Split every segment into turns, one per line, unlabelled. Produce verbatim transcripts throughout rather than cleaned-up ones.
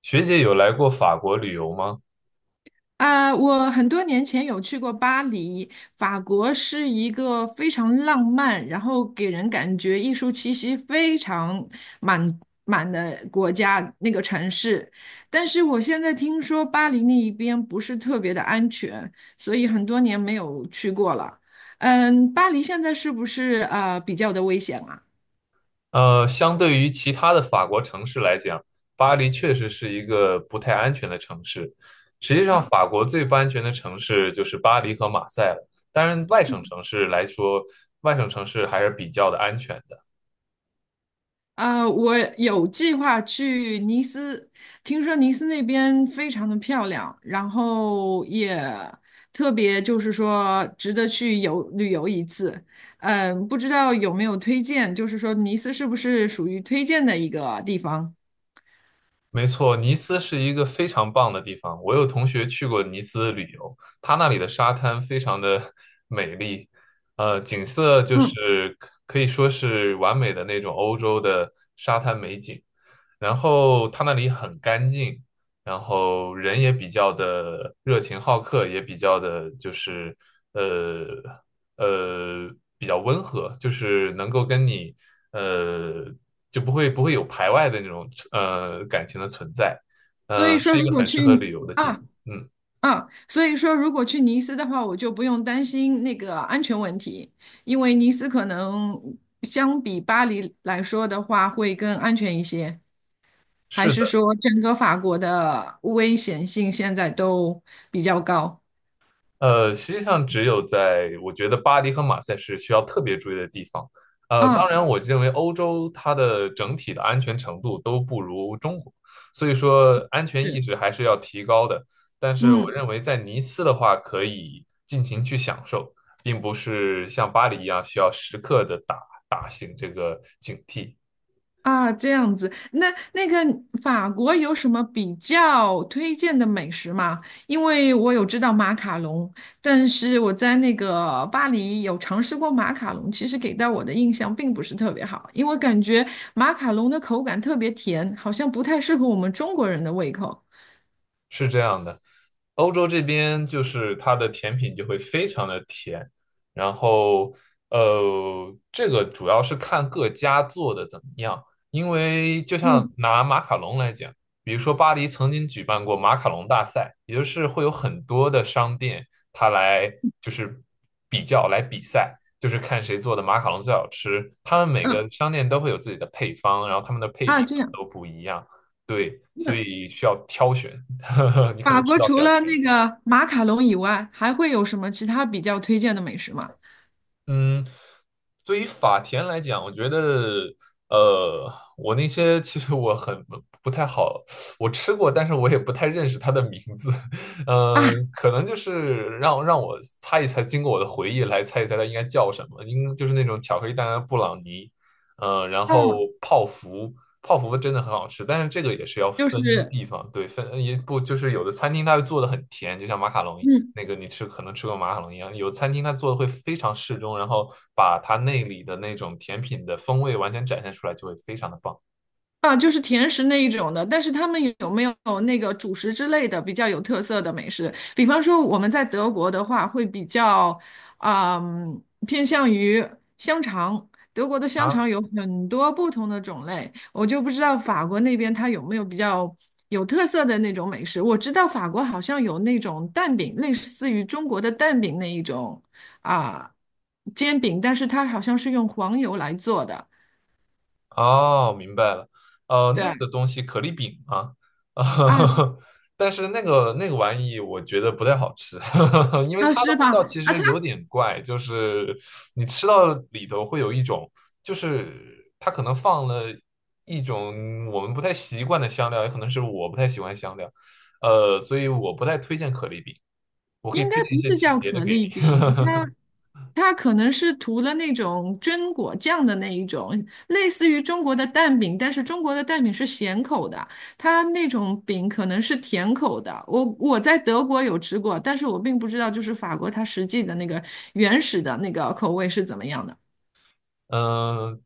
学姐有来过法国旅游吗？
啊，我很多年前有去过巴黎，法国是一个非常浪漫，然后给人感觉艺术气息非常满满的国家，那个城市。但是我现在听说巴黎那一边不是特别的安全，所以很多年没有去过了。嗯，巴黎现在是不是呃比较的危险啊？
呃，相对于其他的法国城市来讲，巴黎确实是一个不太安全的城市。实际上，
啊
法国最不安全的城市就是巴黎和马赛了。当然，外省城市来说，外省城市还是比较的安全的。
啊，我有计划去尼斯，听说尼斯那边非常的漂亮，然后也特别就是说值得去游旅游一次。嗯，不知道有没有推荐，就是说尼斯是不是属于推荐的一个地方？
没错，尼斯是一个非常棒的地方。我有同学去过尼斯旅游，他那里的沙滩非常的 美丽，呃，景色就
嗯，
是可可以说是完美的那种欧洲的沙滩美景。然后它那里很干净，然后人也比较的热情好客，也比较的就是呃呃比较温和，就是能够跟你呃就不会不会有排外的那种呃感情的存在，
所
嗯、
以
呃
说，
是一
如
个
果
很适合旅
去
游的地方。
啊
嗯，
啊，所以说如果去尼斯的话，我就不用担心那个安全问题，因为尼斯可能相比巴黎来说的话，会更安全一些。还
是
是
的。
说整个法国的危险性现在都比较高？
呃，实际上只有在我觉得巴黎和马赛是需要特别注意的地方。呃，当
啊，
然，我认为欧洲它的整体的安全程度都不如中国，所以说安全意
是，
识还是要提高的。但是我
嗯，
认为在尼斯的话，可以尽情去享受，并不是像巴黎一样需要时刻的打打醒这个警惕。
啊，这样子。那那个法国有什么比较推荐的美食吗？因为我有知道马卡龙，但是我在那个巴黎有尝试过马卡龙，其实给到我的印象并不是特别好，因为我感觉马卡龙的口感特别甜，好像不太适合我们中国人的胃口。
是这样的，欧洲这边就是它的甜品就会非常的甜，然后呃，这个主要是看各家做的怎么样，因为就像
嗯
拿马卡龙来讲，比如说巴黎曾经举办过马卡龙大赛，也就是会有很多的商店它来就是比较来比赛，就是看谁做的马卡龙最好吃，他们每个
嗯，
商店都会有自己的配方，然后他们的配比
啊，这
可能
样。
都不一样，对，所
那。
以需要挑选。呵呵，你可
法
能吃
国
到比
除
较
了
甜
那
了。
个马卡龙以外，还会有什么其他比较推荐的美食吗？
嗯，对于法甜来讲，我觉得，呃，我那些其实我很不太好，我吃过，但是我也不太认识它的名字。
啊，
呃，可能就是让让我猜一猜，经过我的回忆来猜一猜它应该叫什么，应就是那种巧克力蛋糕布朗尼，呃，然
让我
后泡芙。泡芙真的很好吃，但是这个也是要
就
分
是，
地方，对，分也不就是有的餐厅它会做的很甜，就像马卡龙一样。
嗯，
那个你吃可能吃过马卡龙一样，有餐厅它做的会非常适中，然后把它那里的那种甜品的风味完全展现出来，就会非常的棒
啊，就是甜食那一种的，但是他们有没有那个主食之类的比较有特色的美食？比方说我们在德国的话，会比较，嗯，偏向于香肠。德国的香
啊。
肠有很多不同的种类，我就不知道法国那边它有没有比较有特色的那种美食。我知道法国好像有那种蛋饼，类似于中国的蛋饼那一种啊，煎饼，但是它好像是用黄油来做的。
哦，明白了。呃，那个
对
东西可丽饼啊，
啊
但是那个那个玩意我觉得不太好吃，因为
啊，
它的
是吧？
味道其
啊，
实
它
有点怪，就是你吃到里头会有一种，就是它可能放了一种我们不太习惯的香料，也可能是我不太喜欢香料，呃，所以我不太推荐可丽饼。我可以
应该
推荐一
不
些
是
其
叫
别的
可
给
丽
你。
饼，它 它可能是涂了那种榛果酱的那一种，类似于中国的蛋饼，但是中国的蛋饼是咸口的，它那种饼可能是甜口的。我我在德国有吃过，但是我并不知道就是法国它实际的那个原始的那个口味是怎么样的。
嗯，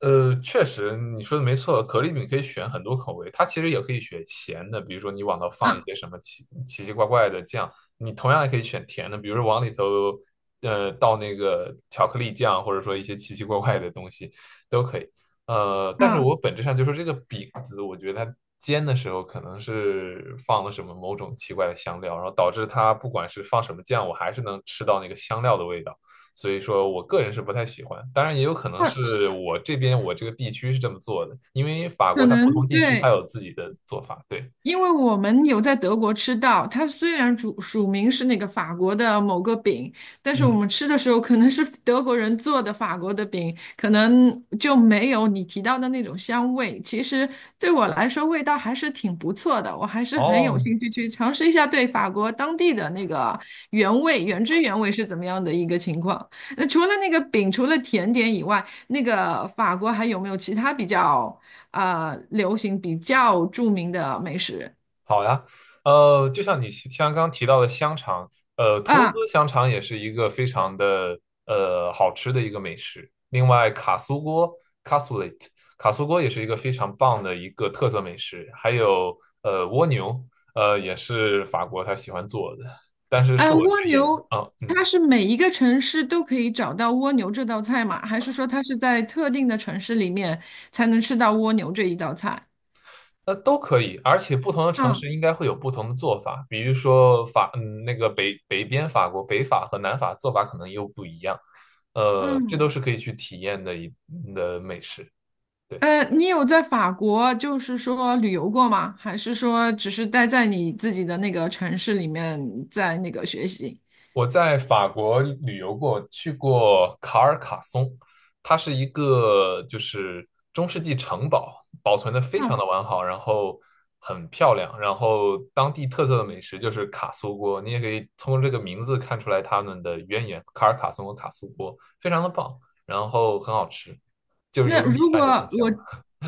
呃，确实你说的没错，可丽饼可以选很多口味，它其实也可以选咸的，比如说你往头放一
嗯
些什么奇奇奇怪怪的酱，你同样也可以选甜的，比如说往里头呃倒那个巧克力酱，或者说一些奇奇怪怪的东西都可以。呃，但是
嗯，
我本质上就说这个饼子，我觉得它煎的时候可能是放了什么某种奇怪的香料，然后导致它不管是放什么酱，我还是能吃到那个香料的味道。所以说我个人是不太喜欢。当然，也有可能是
或
我这边我这个地区是这么做的，因为法
可
国它不同
能
地区它
对。
有自己的做法。对，
因为我们有在德国吃到，它虽然主署名是那个法国的某个饼，但是我
嗯，
们吃的时候可能是德国人做的法国的饼，可能就没有你提到的那种香味。其实对我来说，味道还是挺不错的，我还是很有
哦，
兴趣去尝试一下对法国当地的那个原味、原汁原味是怎么样的一个情况。那除了那个饼，除了甜点以外，那个法国还有没有其他比较？啊、流行比较著名的美食
好呀，呃，就像你像刚刚提到的香肠，呃，图卢兹
啊，
香肠也是一个非常的呃好吃的一个美食。另外，卡苏锅 （cassoulet） 卡苏锅也是一个非常棒的一个特色美食，还有呃蜗牛，呃也是法国他喜欢做的。但是恕
呃，
我直
蜗
言
牛，
啊，嗯，
它
嗯
是每一个城市都可以找到蜗牛这道菜吗？还是说它是在特定的城市里面才能吃到蜗牛这一道菜？
那都可以，而且不同的城
啊，
市应该会有不同的做法，比如说法，嗯，那个北北边法国北法和南法做法可能又不一样，呃，这都
嗯，
是可以去体验的一嗯的美食。对。
呃，你有在法国就是说旅游过吗？还是说只是待在你自己的那个城市里面在那个学习？
我在法国旅游过，去过卡尔卡松，它是一个就是中世纪城堡，保存的非常的
啊
完好，然后很漂亮，然后当地特色的美食就是卡苏锅，你也可以从这个名字看出来他们的渊源，卡尔卡松和卡苏锅非常的棒，然后很好吃，就是有
那
个米
如
饭就
果
更香
我
了。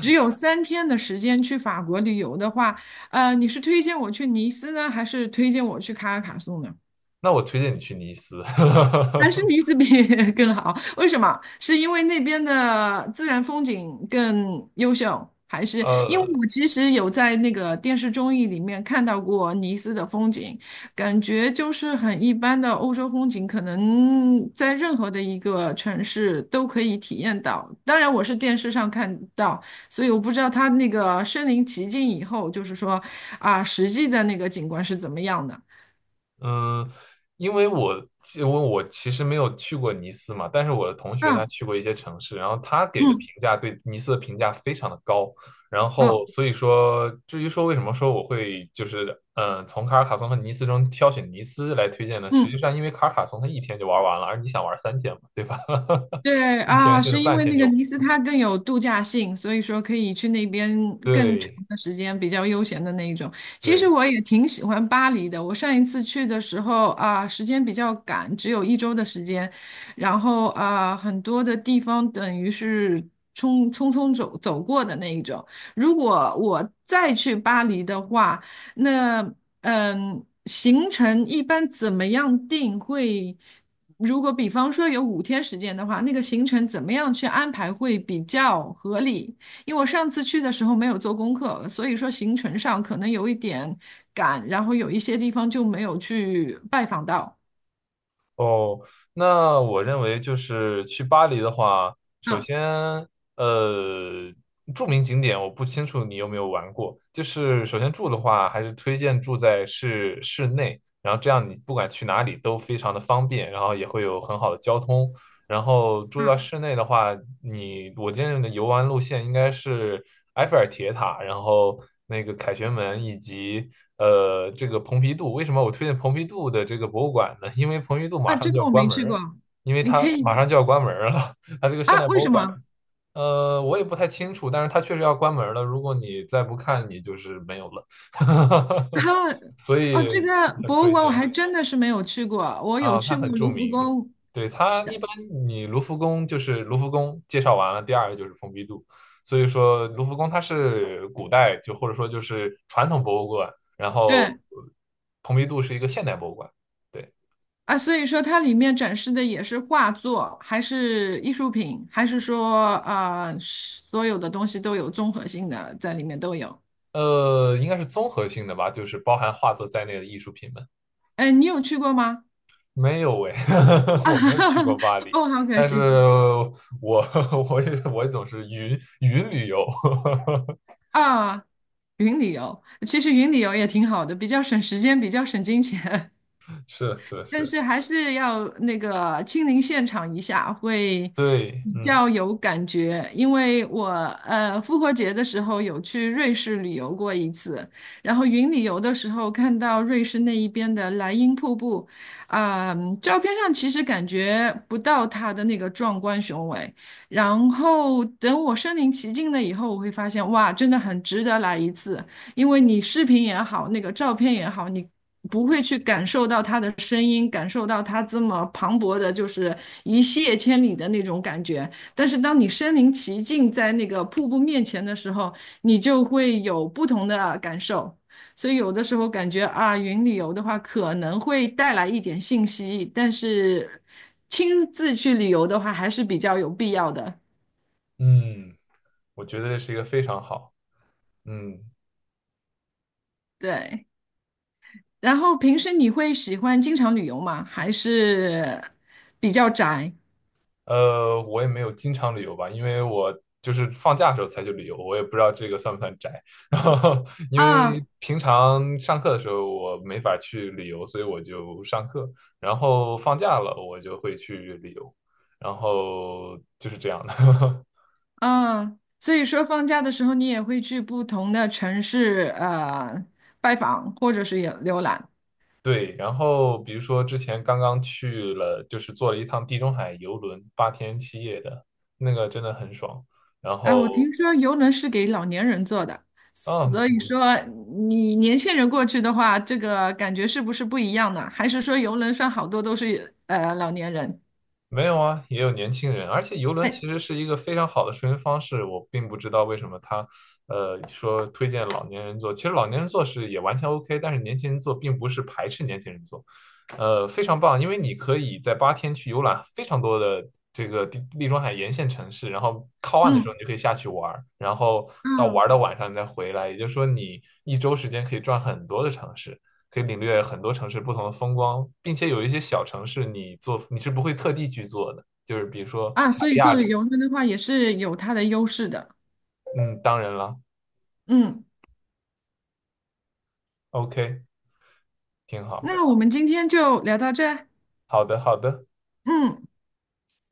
只有三天的时间去法国旅游的话，呃，你是推荐我去尼斯呢，还是推荐我去卡拉卡颂呢？
那我推荐你去尼斯，
还是尼斯比 更好？为什么？是因为那边的自然风景更优秀，还是因为
呃，
我其实有在那个电视综艺里面看到过尼斯的风景，感觉就是很一般的欧洲风景，可能在任何的一个城市都可以体验到。当然，我是电视上看到，所以我不知道它那个身临其境以后，就是说啊，实际的那个景观是怎么样的。
嗯，因为我因为我其实没有去过尼斯嘛，但是我的同学他
嗯
去过一些城市，然后他给的评
嗯
价对尼斯的评价非常的高，然
嗯
后所以说至于说为什么说我会就是嗯从卡尔卡松和尼斯中挑选尼斯来推荐呢？实际
嗯。
上因为卡尔卡松他一天就玩完了，而你想玩三天嘛，对吧？
对
一天
啊，
甚至
是因
半
为
天
那个
就
尼斯它更有度假性，所以说可以去那边更长
对
的时间，比较悠闲的那一种。其实
对。
我也挺喜欢巴黎的，我上一次去的时候啊，时间比较赶，只有一周的时间，然后啊，很多的地方等于是匆匆匆走走过的那一种。如果我再去巴黎的话，那嗯，行程一般怎么样定会？如果比方说有五天时间的话，那个行程怎么样去安排会比较合理？因为我上次去的时候没有做功课，所以说行程上可能有一点赶，然后有一些地方就没有去拜访到。
哦，那我认为就是去巴黎的话，首
嗯
先，呃，著名景点我不清楚你有没有玩过。就是首先住的话，还是推荐住在市市内，然后这样你不管去哪里都非常的方便，然后也会有很好的交通。然后住到
嗯
室内的话，你我建议的游玩路线应该是埃菲尔铁塔，然后那个凯旋门以及呃这个蓬皮杜。为什么我推荐蓬皮杜的这个博物馆呢？因为蓬皮杜马
啊，
上
这
就
个
要
我
关
没
门
去
儿，
过，
因为
你可
它马
以
上就要关门儿了，它这个现
啊？
代
为
博物
什
馆。
么？
呃，我也不太清楚，但是它确实要关门儿了。如果你再不看，你就是没有了，
啊
所
哦，
以
这个
很
博物
推
馆我还
荐。
真的是没有去过，我有
啊，它
去过
很著
卢浮
名。
宫，
对，它一般你卢浮宫就是卢浮宫介绍完了，第二个就是蓬皮杜。所以说卢浮宫它是古代就或者说就是传统博物馆，然后呃
对，
蓬皮杜是一个现代博物馆。对，
啊，所以说它里面展示的也是画作，还是艺术品，还是说呃，所有的东西都有综合性的在里面都有。
呃，应该是综合性的吧，就是包含画作在内的艺术品们。
哎，你有去过吗？
没有诶，
啊，
我没有去过巴黎，
哦，好可
但是
惜
我 我也我也总是云云旅游，
啊，云旅游，其实云旅游也挺好的，比较省时间，比较省金钱。
是是
但
是，
是还是要那个亲临现场一下，会
对，
比
嗯
较有感觉。因为我呃复活节的时候有去瑞士旅游过一次，然后云旅游的时候看到瑞士那一边的莱茵瀑布，啊、照片上其实感觉不到它的那个壮观雄伟。然后等我身临其境了以后，我会发现哇，真的很值得来一次。因为你视频也好，那个照片也好，你不会去感受到他的声音，感受到他这么磅礴的，就是一泻千里的那种感觉。但是当你身临其境在那个瀑布面前的时候，你就会有不同的感受。所以有的时候感觉啊，云旅游的话可能会带来一点信息，但是亲自去旅游的话还是比较有必要的。
嗯。我觉得这是一个非常好。嗯，
对，然后平时你会喜欢经常旅游吗？还是比较宅？
呃，我也没有经常旅游吧，因为我就是放假的时候才去旅游，我也不知道这个算不算宅。然后，因
啊，
为平常上课的时候我没法去旅游，所以我就上课。然后放假了，我就会去旅游。然后就是这样的。
嗯，所以说放假的时候，你也会去不同的城市呃拜访或者是也浏览。
对，然后比如说之前刚刚去了，就是坐了一趟地中海游轮，八天七夜的，那个真的很爽。然
啊，我
后，
听说游轮是给老年人坐的，
嗯，
所以说你年轻人过去的话，这个感觉是不是不一样呢？还是说游轮上好多都是呃老年人？
没有啊，也有年轻人，而且游轮其实是一个非常好的出行方式。我并不知道为什么他，呃，说推荐老年人坐，其实老年人坐是也完全 OK，但是年轻人坐并不是排斥年轻人坐，呃，非常棒，因为你可以在八天去游览非常多的这个地地中海沿线城市，然后靠岸的时候
嗯
你就可以下去玩儿，然后到
嗯
玩儿到晚上你再回来，也就是说你一周时间可以转很多的城市。可以领略很多城市不同的风光，并且有一些小城市你做你是不会特地去做的，就是比如说
啊，
卡
所
利
以
亚
坐
里，
游轮的话也是有它的优势的。
嗯，当然了
嗯，
，OK，挺好的，
那我们今天就聊到这儿
好的，好的。
嗯。